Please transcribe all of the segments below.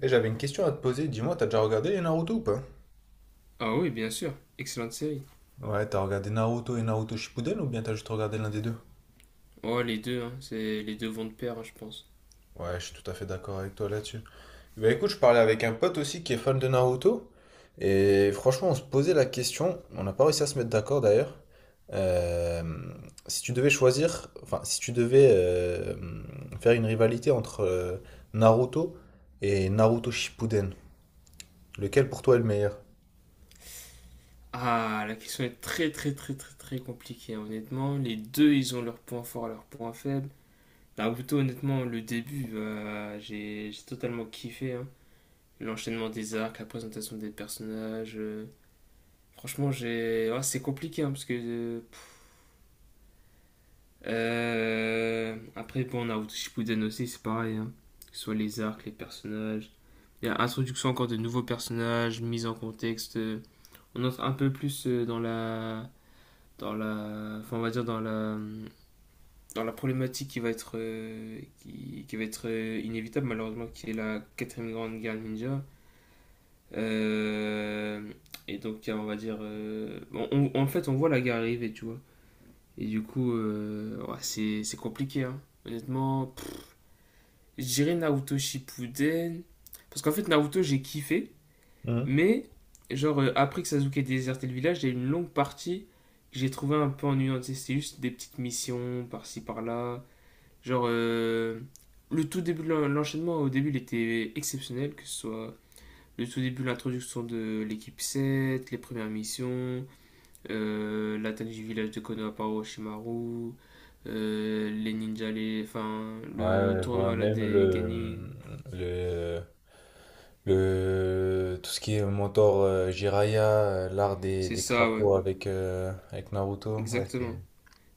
Et j'avais une question à te poser, dis-moi, t'as déjà regardé les Naruto ou pas? Ah oui, bien sûr. Excellente série. Ouais, t'as regardé Naruto et Naruto Shippuden ou bien t'as juste regardé l'un des deux? Oh, les deux, hein. Les deux vont de pair, hein, je pense. Ouais, je suis tout à fait d'accord avec toi là-dessus. Bah écoute, je parlais avec un pote aussi qui est fan de Naruto, et franchement, on se posait la question, on n'a pas réussi à se mettre d'accord d'ailleurs, euh, si tu devais choisir, enfin, si tu devais faire une rivalité entre Naruto et Naruto Shippuden, lequel pour toi est le meilleur? Ah, la question est très, très, très, très, très compliquée, hein, honnêtement. Les deux, ils ont leurs points forts et leurs points faibles. Naruto, honnêtement, le début, bah, j'ai totalement kiffé, hein. L'enchaînement des arcs, la présentation des personnages. Franchement, j'ai. Ouais, c'est compliqué, hein, parce que. Pff. Après, bon, Naruto Shippuden aussi, c'est pareil, hein. Que ce soit les arcs, les personnages. Il y a introduction encore de nouveaux personnages, mise en contexte. On entre un peu plus enfin on va dire dans la problématique qui va être, qui va être inévitable malheureusement, qui est la quatrième grande guerre ninja. Euh, et donc on va dire, bon, en fait on voit la guerre arriver, tu vois. Et du coup, ouais, c'est compliqué, hein. Honnêtement, je dirais Naruto Shippuden. Parce qu'en fait, Naruto, j'ai kiffé. Hmm. Mais, genre, après que Sasuke ait déserté le village, il y a une longue partie que j'ai trouvé un peu ennuyante. C'était juste des petites missions par-ci par-là. Genre, le tout début de l'enchaînement, au début, il était exceptionnel, que ce soit le tout début, l'introduction de l'équipe sept, les premières missions, l'atteinte du village de Konoha par Orochimaru, les ninjas, enfin, Ouais, le ouais, je vois tournoi à la même des Genin. le, tout ce qui est mentor Jiraiya, l'art C'est des ça, ouais, crapauds avec, avec Naruto. Ouais, c'était. exactement.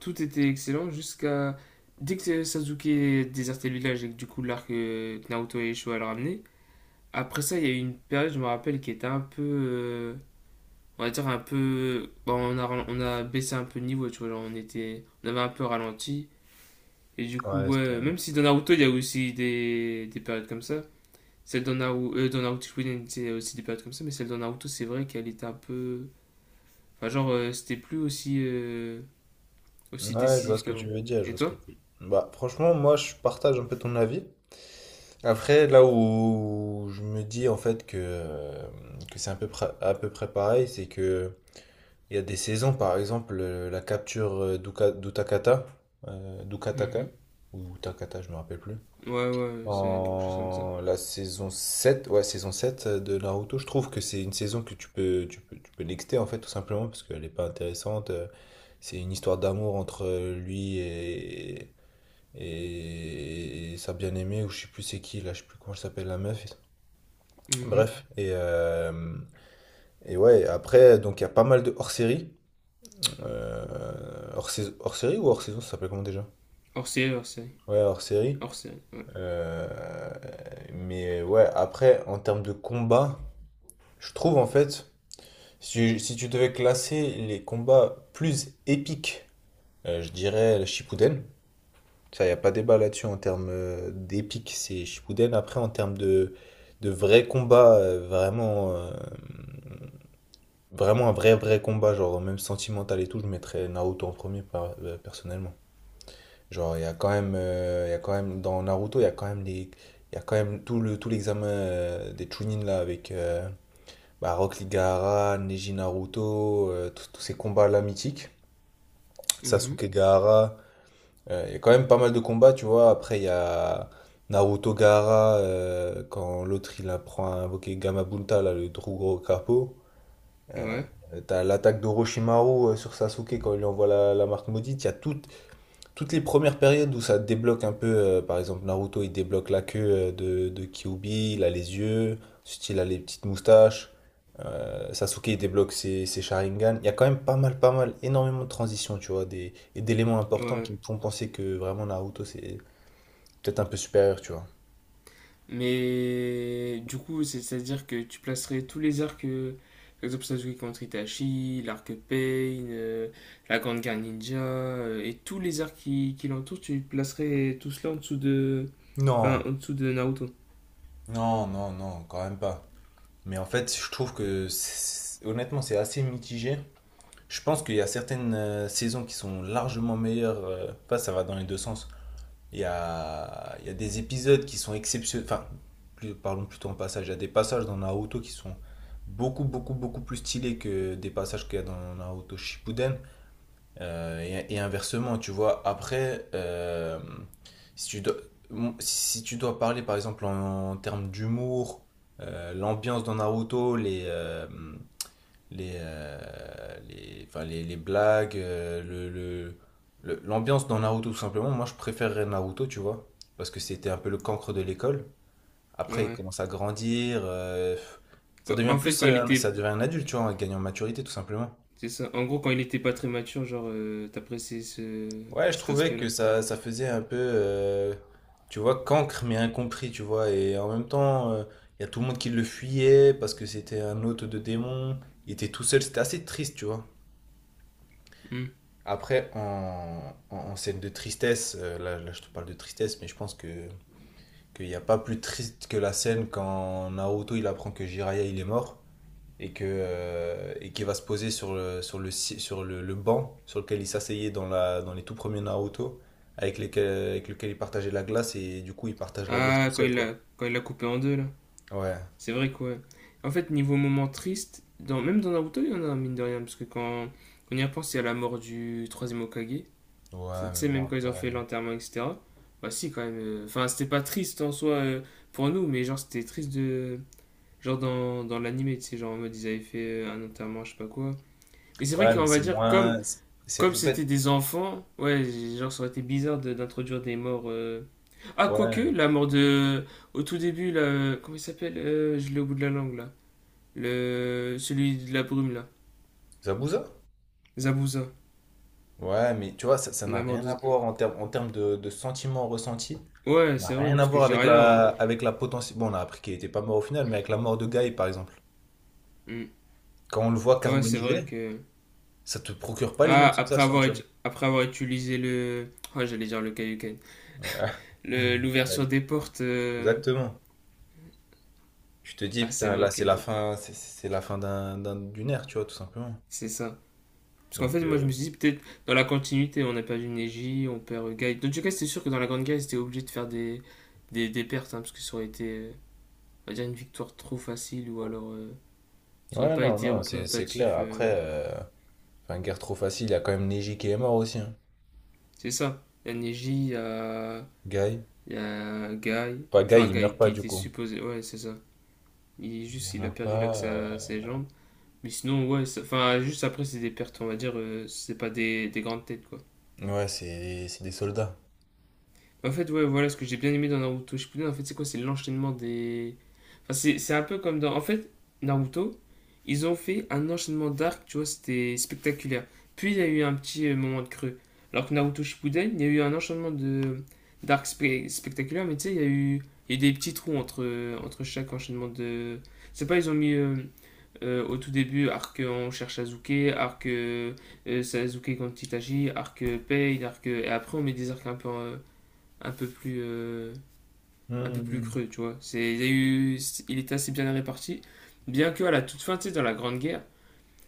Tout était excellent jusqu'à. Dès que Sasuke désertait le village et que du coup l'arc Naruto et Showa le ramenaient, après ça il y a eu une période, je me rappelle, qui était un peu. On va dire un peu. Bon, on a baissé un peu le niveau, tu vois, genre, on avait un peu ralenti. Et du coup, Ouais, c'était. ouais, même si dans Naruto il y a aussi des périodes comme ça, celle dans Naruto Shippuden, c'est aussi des périodes comme ça, mais celle dans Naruto c'est vrai qu'elle était un peu. Enfin, genre, c'était plus aussi, aussi Ouais, je vois décisif ce que tu qu'avant. veux dire, je Et vois ce toi? que tu. Bah, franchement, moi, je partage un peu ton avis. Après, là où je me dis en fait que c'est à peu près pareil, c'est que il y a des saisons, par exemple, la capture d'Utakata, euh, d'Ukataka, Mhm. ou Takata, je me rappelle plus. Ouais, ouais, c'est quelque chose comme ça. En la saison 7 ouais, saison 7 de Naruto, je trouve que c'est une saison que tu peux nexter, en fait, tout simplement, parce qu'elle n'est pas intéressante. C'est une histoire d'amour entre lui et et sa bien-aimée, ou je sais plus c'est qui, là, je sais plus comment elle s'appelle, la meuf. Mhm. Bref, et ouais, après, donc il y a pas mal de hors-séries. Hors saison, hors série ou hors saison, ça s'appelle comment déjà? Hors série, hors série. Ouais, hors série. Hors série, ouais. Euh, mais ouais, après, en termes de combat, je trouve en fait, si, si tu devais classer les combats plus épiques, je dirais le Shippuden. Ça, il n'y a pas débat là-dessus en termes d'épique, c'est Shippuden. Après, en termes de vrai combat, vraiment un vrai combat, genre même sentimental et tout, je mettrais Naruto en premier, personnellement. Genre, il y a quand même, dans Naruto, il y a quand même il y a quand même tout tout l'examen des Chunin là avec bah, Rock Lee Gaara, Neji Naruto, tous ces combats là mythiques, Mhm. Sasuke Gaara, il y a quand même pas mal de combats, tu vois. Après, il y a Naruto Gaara, quand l'autre il apprend à invoquer Gamabunta, là, le Drugro Capo. Euh, Ouais, T'as l'attaque d'Orochimaru sur Sasuke quand il lui envoie la marque maudite, il y a tout, toutes les premières périodes où ça débloque un peu, par exemple Naruto, il débloque la queue de Kyuubi, il a les yeux, ensuite il a les petites moustaches, Sasuke il débloque ses Sharingan. Il y a quand même pas mal, pas mal, énormément de transitions, tu vois, des, et d'éléments importants ouais. qui me font penser que vraiment Naruto c'est peut-être un peu supérieur, tu vois. Mais du coup, c'est-à-dire que tu placerais tous les arcs, par exemple Sasuke contre Itachi, l'arc Pain, la Grande Guerre Ninja, et tous les arcs qui l'entourent, tu placerais tout cela en dessous de, enfin, Non, en dessous de Naruto. non, non, non, quand même pas. Mais en fait, je trouve que honnêtement, c'est assez mitigé. Je pense qu'il y a certaines saisons qui sont largement meilleures. Enfin, ça va dans les deux sens. Il y a des épisodes qui sont exceptionnels. Enfin, parlons plutôt en passage. Il y a des passages dans Naruto qui sont beaucoup, beaucoup, beaucoup plus stylés que des passages qu'il y a dans Naruto Shippuden. Et inversement, tu vois. Après, si tu dois, si tu dois parler, par exemple, en termes d'humour, l'ambiance dans Naruto, les blagues, l'ambiance dans Naruto tout simplement. Moi, je préférerais Naruto, tu vois, parce que c'était un peu le cancre de l'école. Après, il Ouais. commence à grandir, ça devient En fait, plus, ça devient un adulte, tu vois, en gagnant en maturité tout simplement. c'est ça. En gros, quand il était pas très mature, genre, t'appréciais Ouais, je cet trouvais aspect-là. que ça faisait un peu, tu vois, cancre mais incompris, tu vois, et en même temps, il y a tout le monde qui le fuyait parce que c'était un hôte de démon, il était tout seul, c'était assez triste, tu vois. Après, en scène de tristesse, là, je te parle de tristesse, mais je pense que qu'il n'y a pas plus triste que la scène quand Naruto il apprend que Jiraiya il est mort et que et qu'il va se poser sur le si- sur le banc sur lequel il s'asseyait dans les tout premiers Naruto avec lequel il partageait la glace et du coup il partage la glace tout Ah, seul quoi. Quand il l'a coupé en deux, là. Ouais. C'est vrai quoi. En fait, niveau moment triste, même dans Naruto, il y en a, mine de rien, parce que quand on y repense, il y a la mort du troisième Hokage. Tu Ouais, mais sais, bon même quand ils après. ont fait l'enterrement, etc. Bah si, quand même. Enfin, c'était pas triste en soi pour nous, mais genre, c'était triste de. Genre dans l'animé, tu sais, genre en mode, ils avaient fait un enterrement, je sais pas quoi. Mais c'est vrai Ouais, mais qu'on va c'est dire, comme moins comme en c'était fait des enfants, ouais, genre, ça aurait été bizarre d'introduire des morts. Ah, quoique, ouais, la mort de. Au tout début, là. Comment il s'appelle? Je l'ai au bout de la langue, là. Celui de la brume, là. Zabuza? Zabuza. Ouais, mais tu vois, ça n'a La mort rien à de. voir en termes de sentiments ressentis. Ouais, Ça n'a c'est vrai, rien à parce que voir j'ai avec rien, hein. Avec la potentielle. Bon, on a appris qu'il était pas mort au final, mais avec la mort de Guy, par exemple. Hmm. Quand on le voit Ouais, c'est vrai carbonisé, que. ça te procure pas les Ah, mêmes sensations, tu vois. Après avoir utilisé le. Oh, j'allais dire le Kaioken. Ouais, bah L'ouverture oui, des portes. Exactement. Tu te dis, Ah, c'est putain, vrai là, c'est que. la fin, c'est la fin d'une ère, tu vois, tout simplement. C'est ça. Parce qu'en Donc, fait, moi, je me suis dit, peut-être dans la continuité, on a perdu Neji, on perd Guy. Dans tout cas, c'était sûr que dans la Grande Guerre, ils étaient obligés de faire des pertes, hein, parce que ça aurait été. On va dire une victoire trop facile ou alors ça aurait ouais, pas non, été non, c'est représentatif. clair. Après, enfin, guerre trop facile, il y a quand même Neji qui est mort aussi, hein. C'est ça. Il y a Neji, Guy. il y a Guy, Pas Guy, enfin il Guy meurt pas, qui du était coup. supposé, ouais c'est ça. Il Il juste il a meurt perdu l'accès pas. à ses jambes. Mais sinon ouais, enfin juste après c'est des pertes on va dire, c'est pas des grandes têtes quoi. Ouais, c'est des soldats. En fait, ouais, voilà ce que j'ai bien aimé dans Naruto Shippuden. En fait, c'est quoi? C'est l'enchaînement des. Enfin, c'est un peu comme dans. En fait, Naruto, ils ont fait un enchaînement d'arcs, tu vois, c'était spectaculaire. Puis il y a eu un petit moment de creux. Alors que Naruto Shippuden, il y a eu un enchaînement de spectaculaires, mais tu sais, il y a eu des petits trous entre entre chaque enchaînement de. C'est pas, Ils ont mis au tout début arc on cherche Sasuke, arc Sasuke contre Itachi, arc Pain, arc et après on met des arcs un peu. Un peu plus, un peu plus Hmm. creux, tu vois. Il, y a eu, il était assez bien réparti. Bien que à la toute fin, tu sais, dans la Grande Guerre,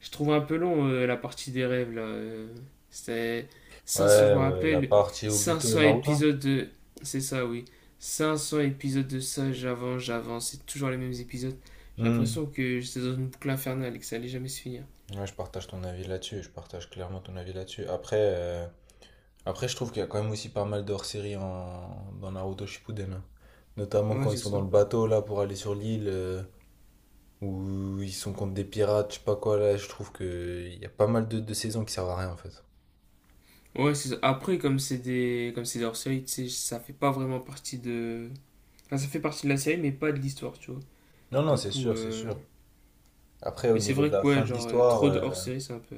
je trouve un peu long la partie des rêves, là. C'était 500, je Ouais, me ouais, la rappelle, partie cinq Obito cents Naruto. épisodes de... C'est ça, oui. 500 épisodes de ça, j'avance, j'avance. C'est toujours les mêmes épisodes. J'ai Hmm. l'impression que j'étais dans une boucle infernale et que ça allait jamais se finir. Ouais, je partage ton avis là-dessus, je partage clairement ton avis là-dessus. Après, après je trouve qu'il y a quand même aussi pas mal d'hors-série en... dans Naruto Shippuden. Hein. Notamment Ouais, quand ils c'est sont ça. dans le bateau là pour aller sur l'île, ou ils sont contre des pirates, je sais pas quoi là, je trouve que il y a pas mal de saisons qui servent à rien en fait. Ouais, c'est ça. Après, comme c'est des hors-série, tu sais, ça fait pas vraiment partie de, enfin, ça fait partie de la série, mais pas de l'histoire, tu vois. Non, non, Du c'est coup, sûr, c'est sûr. Après, au mais c'est niveau de vrai la que ouais, fin de genre, l'histoire, trop de hors-série, c'est un peu.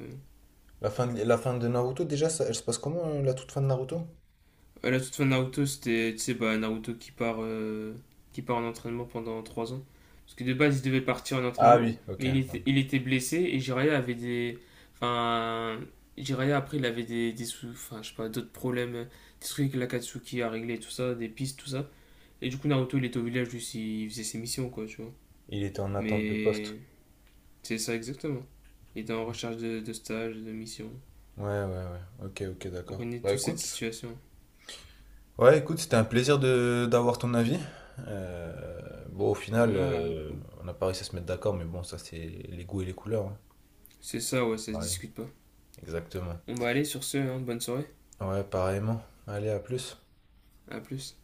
la fin de Naruto, déjà, ça, elle se passe comment la toute fin de Naruto? À la toute fin de Naruto, c'était, tu sais, bah, Naruto qui part en entraînement pendant 3 ans. Parce que de base, il devait partir en Ah entraînement, oui, ok. mais il était blessé et Jiraiya avait des. Enfin. Jiraiya, après, il avait des sous, enfin, je sais pas, d'autres problèmes, des trucs que l'Akatsuki a réglé, tout ça, des pistes, tout ça. Et du coup, Naruto, il était au village, juste, il faisait ses missions, quoi, tu vois. Il était en attente de poste. Mais c'est ça exactement. Il était en recherche de stage, de mission. Ouais, ouais, ouais. Ok, ok, On d'accord. connaît Bah toute cette écoute, situation. ouais, écoute, c'était un plaisir de d'avoir ton avis. Bon, au final, Ah, on n'a pas réussi à se mettre d'accord, mais bon, ça, c'est les goûts et les couleurs. Hein. c'est ça, ouais, ça se Ouais. discute pas. Exactement. On va aller sur ce, hein, bonne soirée. Ouais, pareillement. Allez, à plus. À plus.